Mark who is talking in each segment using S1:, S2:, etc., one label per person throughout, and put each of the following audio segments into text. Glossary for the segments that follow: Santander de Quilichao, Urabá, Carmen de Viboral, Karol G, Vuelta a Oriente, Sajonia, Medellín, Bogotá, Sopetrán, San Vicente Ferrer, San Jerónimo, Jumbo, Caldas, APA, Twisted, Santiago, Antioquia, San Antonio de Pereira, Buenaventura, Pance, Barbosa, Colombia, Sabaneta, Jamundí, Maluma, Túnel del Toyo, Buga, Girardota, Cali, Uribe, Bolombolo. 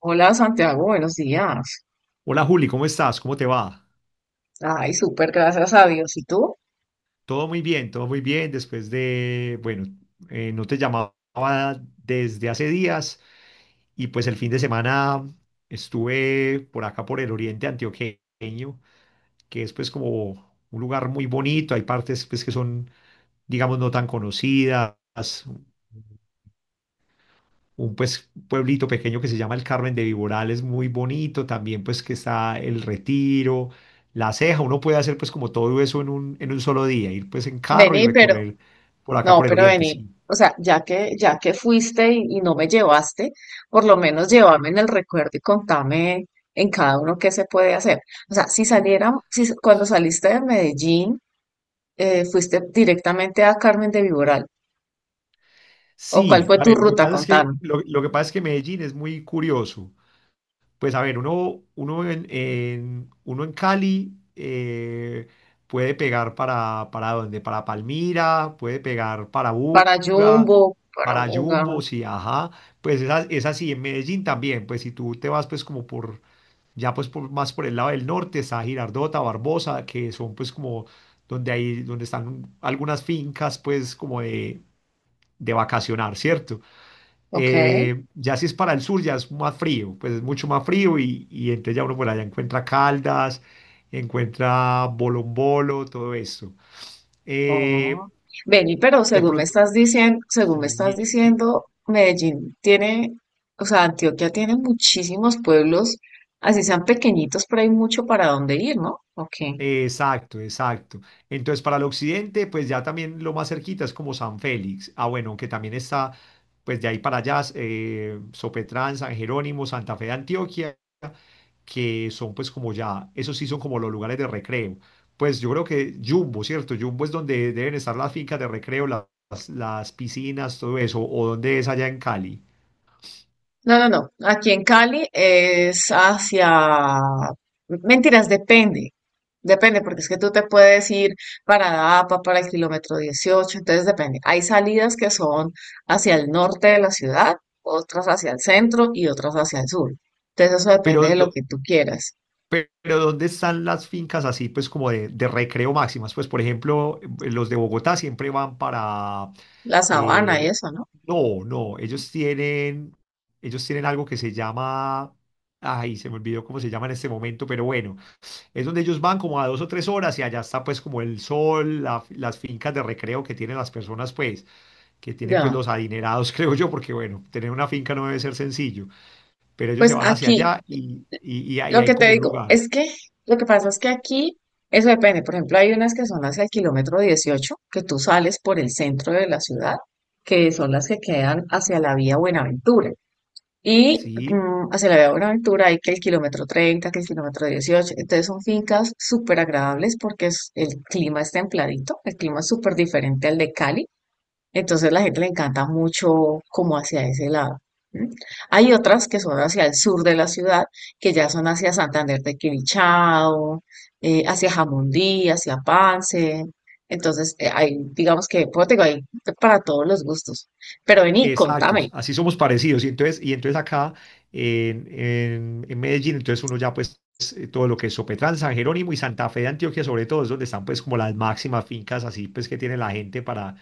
S1: Hola Santiago, buenos días.
S2: Hola Juli, ¿cómo estás? ¿Cómo te va?
S1: Ay, súper, gracias a Dios. ¿Y tú?
S2: Todo muy bien, todo muy bien. Después de, bueno, no te llamaba desde hace días y pues el fin de semana estuve por acá por el oriente antioqueño, que es pues como un lugar muy bonito. Hay partes pues que son, digamos, no tan conocidas, un, pues, pueblito pequeño que se llama el Carmen de Viborales, muy bonito, también pues que está El Retiro, La Ceja, uno puede hacer pues como todo eso en un solo día, ir pues en carro y
S1: Vení, pero,
S2: recorrer por acá
S1: no,
S2: por el
S1: pero
S2: oriente,
S1: vení.
S2: sí.
S1: O sea, ya que fuiste y no me llevaste, por lo menos llévame en el recuerdo y contame en cada uno qué se puede hacer. O sea, si saliera, si cuando saliste de Medellín, fuiste directamente a Carmen de Viboral, o cuál
S2: Sí,
S1: fue
S2: a
S1: tu
S2: ver,
S1: ruta, contame.
S2: lo que pasa es que Medellín es muy curioso. Pues a ver, uno en Cali, puede pegar para dónde, para Palmira, puede pegar para
S1: Para
S2: Buga,
S1: Jumbo, para
S2: para
S1: Buga,
S2: Jumbo, sí, ajá, pues es, es así, en Medellín también. Pues si tú te vas pues como por, ya pues por, más por el lado del norte, está Girardota, Barbosa, que son pues como donde hay, donde están algunas fincas pues como de vacacionar, ¿cierto?
S1: ok.
S2: Ya si es para el sur, ya es más frío, pues es mucho más frío, y entonces ya uno por allá encuentra Caldas, encuentra Bolombolo, todo esto.
S1: Oh.
S2: Eh,
S1: Vení, pero
S2: de
S1: según me
S2: pronto,
S1: estás diciendo, según me estás
S2: sí.
S1: diciendo, Medellín tiene, o sea, Antioquia tiene muchísimos pueblos, así sean pequeñitos, pero hay mucho para dónde ir, ¿no? Ok.
S2: Exacto, exacto. Entonces, para el occidente, pues ya también lo más cerquita es como San Félix. Ah, bueno, que también está, pues de ahí para allá, Sopetrán, San Jerónimo, Santa Fe de Antioquia, que son pues como ya, esos sí son como los lugares de recreo. Pues yo creo que Jumbo, ¿cierto? Jumbo es donde deben estar las fincas de recreo, las, piscinas, todo eso, o donde es allá en Cali.
S1: No, no, no. Aquí en Cali es hacia... Mentiras, depende. Depende, porque es que tú te puedes ir para APA, para el kilómetro 18. Entonces depende. Hay salidas que son hacia el norte de la ciudad, otras hacia el centro y otras hacia el sur. Entonces eso
S2: Pero
S1: depende de lo
S2: do-
S1: que tú quieras.
S2: Pero ¿dónde están las fincas así, pues como de, recreo máximas? Pues, por ejemplo, los de Bogotá siempre van para...
S1: La sabana y
S2: eh,
S1: eso, ¿no?
S2: no, no, ellos tienen algo que se llama... Ay, se me olvidó cómo se llama en este momento, pero bueno, es donde ellos van como a 2 o 3 horas y allá está pues como el sol, las fincas de recreo que tienen las personas, pues, que tienen pues
S1: Ya.
S2: los adinerados, creo yo, porque bueno, tener una finca no debe ser sencillo, pero ellos se
S1: Pues
S2: van hacia
S1: aquí
S2: allá y ahí
S1: lo que
S2: hay
S1: te
S2: como un
S1: digo
S2: lugar,
S1: es que lo que pasa es que aquí eso depende. Por ejemplo, hay unas que son hacia el kilómetro 18 que tú sales por el centro de la ciudad, que son las que quedan hacia la vía Buenaventura. Y
S2: ¿sí?
S1: hacia la vía Buenaventura hay que el kilómetro 30, que el kilómetro 18. Entonces son fincas súper agradables porque es- el clima es templadito, el clima es súper diferente al de Cali. Entonces la gente le encanta mucho como hacia ese lado. ¿M? Hay otras que son hacia el sur de la ciudad, que ya son hacia Santander de Quilichao, hacia Jamundí, hacia Pance. Entonces, hay, digamos que, pues, te digo, hay para todos los gustos. Pero vení, contame.
S2: Exactos, así somos parecidos. Y entonces acá en Medellín, entonces uno ya pues, todo lo que es Sopetrán, San Jerónimo y Santa Fe de Antioquia, sobre todo, es donde están pues como las máximas fincas así pues que tiene la gente para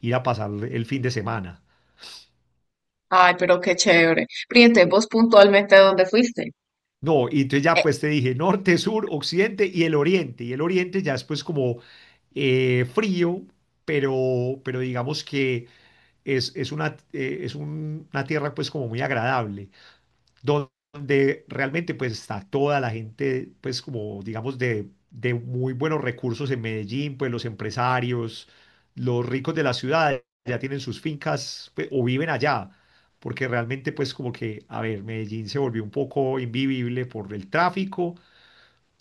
S2: ir a pasar el fin de semana.
S1: Ay, pero qué chévere. Pero ¿y entonces vos puntualmente, ¿a dónde fuiste?
S2: No, y entonces ya
S1: Eh,
S2: pues te dije norte, sur, occidente y el oriente. Y el oriente ya es pues como, frío, pero, digamos que es una tierra pues como muy agradable donde realmente pues está toda la gente, pues como digamos de muy buenos recursos en Medellín, pues los empresarios, los ricos de la ciudad ya tienen sus fincas pues, o viven allá, porque realmente pues como que, a ver, Medellín se volvió un poco invivible por el tráfico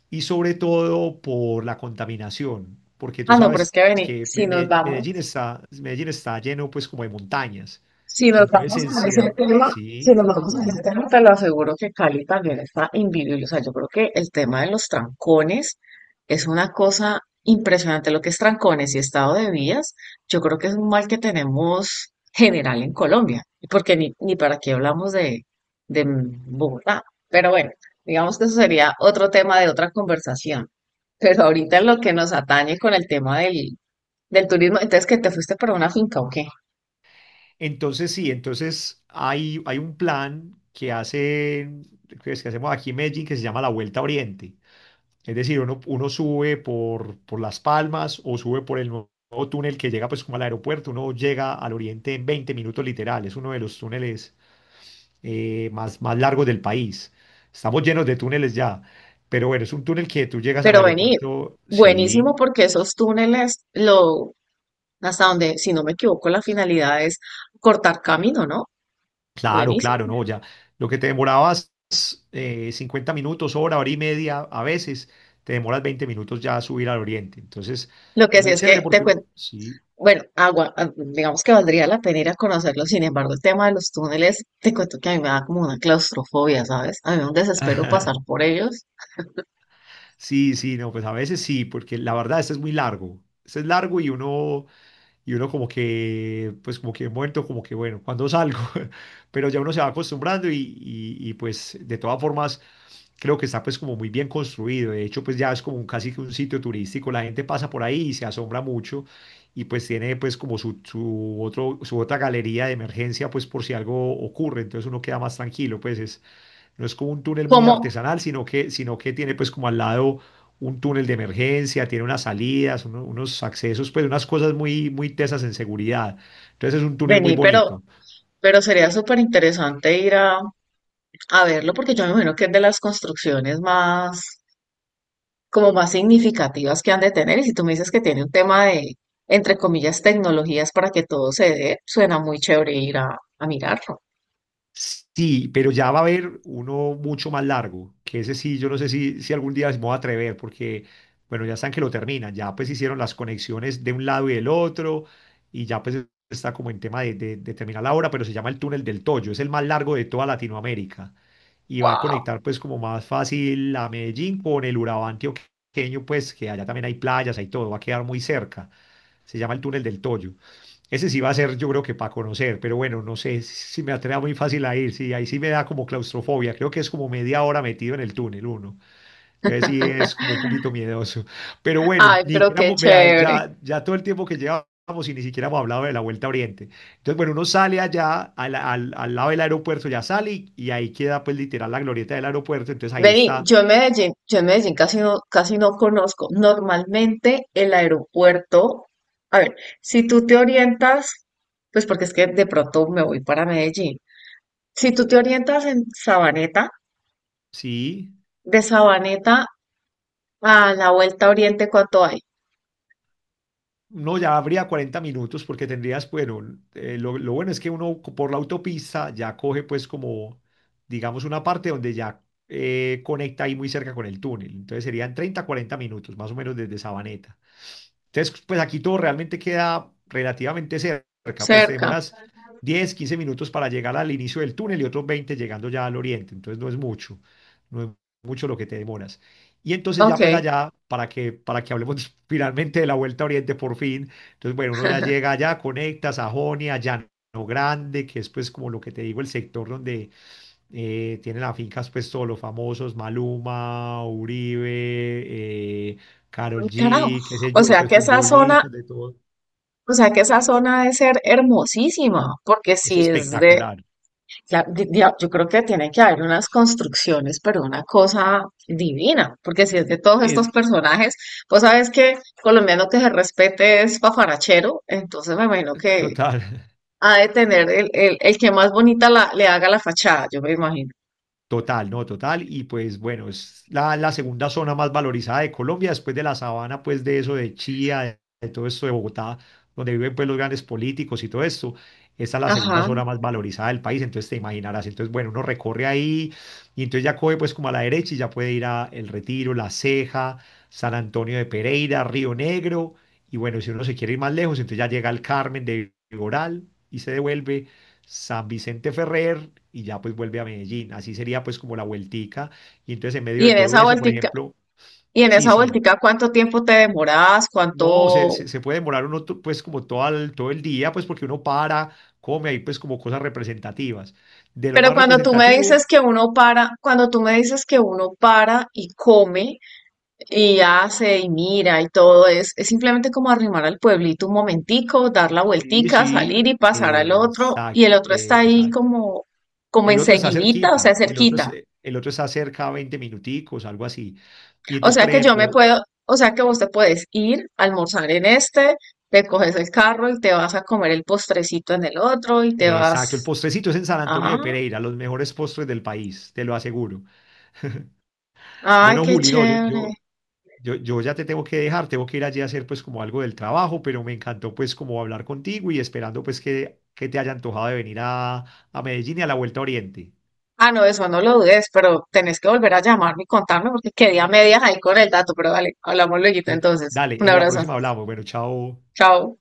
S2: y sobre todo por la contaminación, porque tú
S1: no, pero es
S2: sabes
S1: que vení,
S2: que
S1: si
S2: Me-
S1: nos
S2: Me- Medellín
S1: vamos.
S2: está, Medellín está lleno pues como de montañas,
S1: Si nos
S2: entonces
S1: vamos a ese
S2: encierra,
S1: tema, si
S2: sí,
S1: nos vamos
S2: sí,
S1: a ese
S2: sí.
S1: tema, te lo aseguro que Cali también está invivible. O sea, yo creo que el tema de los trancones es una cosa impresionante. Lo que es trancones y estado de vías, yo creo que es un mal que tenemos general en Colombia, porque ni para qué hablamos de Bogotá. Pero bueno, digamos que eso sería otro tema de otra conversación. Pero ahorita en lo que nos atañe con el tema del, del turismo, entonces que te fuiste para una finca o qué.
S2: Entonces sí, entonces hay un plan que es que hacemos aquí en Medellín que se llama la Vuelta a Oriente. Es decir, uno sube por Las Palmas, o sube por el nuevo túnel que llega pues como al aeropuerto. Uno llega al Oriente en 20 minutos literal. Es uno de los túneles, más largos del país. Estamos llenos de túneles ya. Pero bueno, es un túnel que tú llegas al
S1: Pero vení,
S2: aeropuerto. Sí,
S1: buenísimo porque esos túneles, lo, hasta donde, si no me equivoco, la finalidad es cortar camino, ¿no?
S2: claro,
S1: Buenísimo.
S2: claro, no, ya. Lo que te demorabas 50 minutos, hora, hora y media, a veces te demoras 20 minutos ya a subir al oriente. Entonces,
S1: Lo
S2: es
S1: que sí
S2: muy
S1: es
S2: chévere
S1: que te
S2: porque
S1: cuento,
S2: uno, sí.
S1: bueno, agua, ah, digamos que valdría la pena ir a conocerlo, sin embargo, el tema de los túneles, te cuento que a mí me da como una claustrofobia, ¿sabes? A mí me da un desespero pasar por ellos.
S2: Sí, sí, no, pues a veces sí, porque la verdad, este es muy largo. Este es largo y uno como que, pues como que muerto, como que bueno, ¿cuándo salgo? Pero ya uno se va acostumbrando y, pues de todas formas creo que está pues como muy bien construido. De hecho, pues ya es como casi que un sitio turístico. La gente pasa por ahí y se asombra mucho, y pues tiene pues como su, su otra galería de emergencia pues por si algo ocurre. Entonces uno queda más tranquilo, pues es no es como un túnel muy
S1: Como,
S2: artesanal, sino que tiene pues como al lado un túnel de emergencia, tiene unas salidas, unos accesos, pues unas cosas muy, muy tesas en seguridad. Entonces es un túnel muy
S1: vení,
S2: bonito.
S1: pero sería súper interesante ir a verlo porque yo me imagino que es de las construcciones más como más significativas que han de tener. Y si tú me dices que tiene un tema de, entre comillas, tecnologías para que todo se dé, suena muy chévere ir a mirarlo.
S2: Sí, pero ya va a haber uno mucho más largo, que ese sí, yo no sé si algún día me voy a atrever, porque, bueno, ya están que lo terminan, ya pues hicieron las conexiones de un lado y del otro, y ya pues está como en tema de terminar la obra, pero se llama el Túnel del Toyo, es el más largo de toda Latinoamérica, y va a conectar pues como más fácil a Medellín con el Urabá antioqueño, pues que allá también hay playas, hay todo, va a quedar muy cerca. Se llama el Túnel del Toyo. Ese sí va a ser, yo creo que para conocer, pero bueno, no sé si me atreva muy fácil a ir, sí, ahí sí me da como claustrofobia. Creo que es como media hora metido en el túnel uno, entonces sí es como un poquito miedoso, pero bueno,
S1: Ay,
S2: ni
S1: pero
S2: siquiera,
S1: qué
S2: vea,
S1: chévere.
S2: ya todo el tiempo que llevamos y ni siquiera hemos hablado de la Vuelta a Oriente. Entonces bueno, uno sale allá al lado del aeropuerto, ya sale y ahí queda pues literal la glorieta del aeropuerto, entonces ahí
S1: Vení,
S2: está,
S1: yo en Medellín casi no conozco. Normalmente el aeropuerto, a ver, si tú te orientas, pues porque es que de pronto me voy para Medellín. Si tú te orientas en Sabaneta,
S2: sí.
S1: de Sabaneta a la Vuelta a Oriente, ¿cuánto hay?
S2: No, ya habría 40 minutos porque tendrías, bueno, lo, bueno es que uno por la autopista ya coge pues como, digamos, una parte donde ya conecta ahí muy cerca con el túnel. Entonces serían 30, 40 minutos más o menos desde Sabaneta. Entonces, pues aquí todo realmente queda relativamente cerca, pues te
S1: Cerca.
S2: demoras 10, 15 minutos para llegar al inicio del túnel y otros 20 llegando ya al oriente. Entonces no es mucho, no es mucho lo que te demoras. Y entonces
S1: Ok.
S2: ya pues allá, para que hablemos finalmente de la Vuelta a Oriente por fin. Entonces bueno, uno ya llega allá, conecta Sajonia, Llano Grande, que es pues como lo que te digo, el sector donde, tienen las fincas pues todos los famosos, Maluma, Uribe, eh, Karol
S1: Carajo.
S2: G, qué sé
S1: O
S2: yo,
S1: sea
S2: pues
S1: que esa zona,
S2: futbolistas de todo,
S1: o sea que esa zona debe ser hermosísima, porque
S2: es
S1: si es de,
S2: espectacular,
S1: la- di- di- yo creo que tiene que haber unas construcciones, pero una cosa divina, porque si es de todos estos
S2: es
S1: personajes, pues sabes que colombiano que se respete es pafarachero, entonces me imagino que
S2: total.
S1: ha de tener el que más bonita la- le haga la fachada, yo me imagino.
S2: Total, no, total. Y pues bueno, es la, segunda zona más valorizada de Colombia, después de la sabana, pues de eso, de Chía, de todo esto de Bogotá, donde viven pues los grandes políticos y todo esto. Esta es la segunda
S1: Ajá.
S2: zona más valorizada del país, entonces te imaginarás. Entonces, bueno, uno recorre ahí, y entonces ya coge pues como a la derecha y ya puede ir a El Retiro, La Ceja, San Antonio de Pereira, Río Negro. Y bueno, si uno se quiere ir más lejos, entonces ya llega al Carmen de Viboral y se devuelve San Vicente Ferrer, y ya pues vuelve a Medellín. Así sería pues como la vueltica. Y entonces en medio
S1: Y
S2: de
S1: en
S2: todo
S1: esa
S2: eso, por
S1: vueltica,
S2: ejemplo,
S1: y en
S2: sí,
S1: esa
S2: sí,
S1: vueltica, ¿cuánto tiempo te demorabas?
S2: no, se,
S1: ¿Cuánto
S2: se, se puede demorar uno, pues como todo el día, pues porque uno para, come ahí pues como cosas representativas. De lo
S1: pero
S2: más
S1: cuando tú me dices
S2: representativo,
S1: que uno para, cuando tú me dices que uno para y come y hace y mira y todo, es simplemente como arrimar al pueblito un momentico, dar la
S2: sí,
S1: vueltica, salir
S2: sí,
S1: y pasar al otro, y el
S2: exacto,
S1: otro está ahí
S2: exacto.
S1: como, como
S2: El otro está
S1: enseguidita, o sea,
S2: cerquita, el otro,
S1: cerquita.
S2: el otro está cerca, 20 minuticos, algo así. Y
S1: O
S2: entonces,
S1: sea
S2: por
S1: que yo
S2: ejemplo,
S1: me puedo, o sea que vos te puedes ir, almorzar en este, te coges el carro y te vas a comer el postrecito en el otro y te
S2: exacto, el
S1: vas,
S2: postrecito es en San Antonio
S1: ah,
S2: de Pereira, los mejores postres del país, te lo aseguro.
S1: ay,
S2: Bueno,
S1: qué
S2: Juli, no, yo,
S1: chévere.
S2: yo, yo, yo ya te tengo que dejar, tengo que ir allí a hacer pues como algo del trabajo, pero me encantó pues como hablar contigo, y esperando pues que te haya antojado de venir a Medellín y a la Vuelta a Oriente.
S1: Ah, no, eso no lo dudes, pero tenés que volver a llamarme y contarme porque quedé a medias ahí con el dato, pero dale, hablamos luego entonces.
S2: Dale,
S1: Un
S2: en la
S1: abrazo.
S2: próxima hablamos. Bueno, chao.
S1: Chao.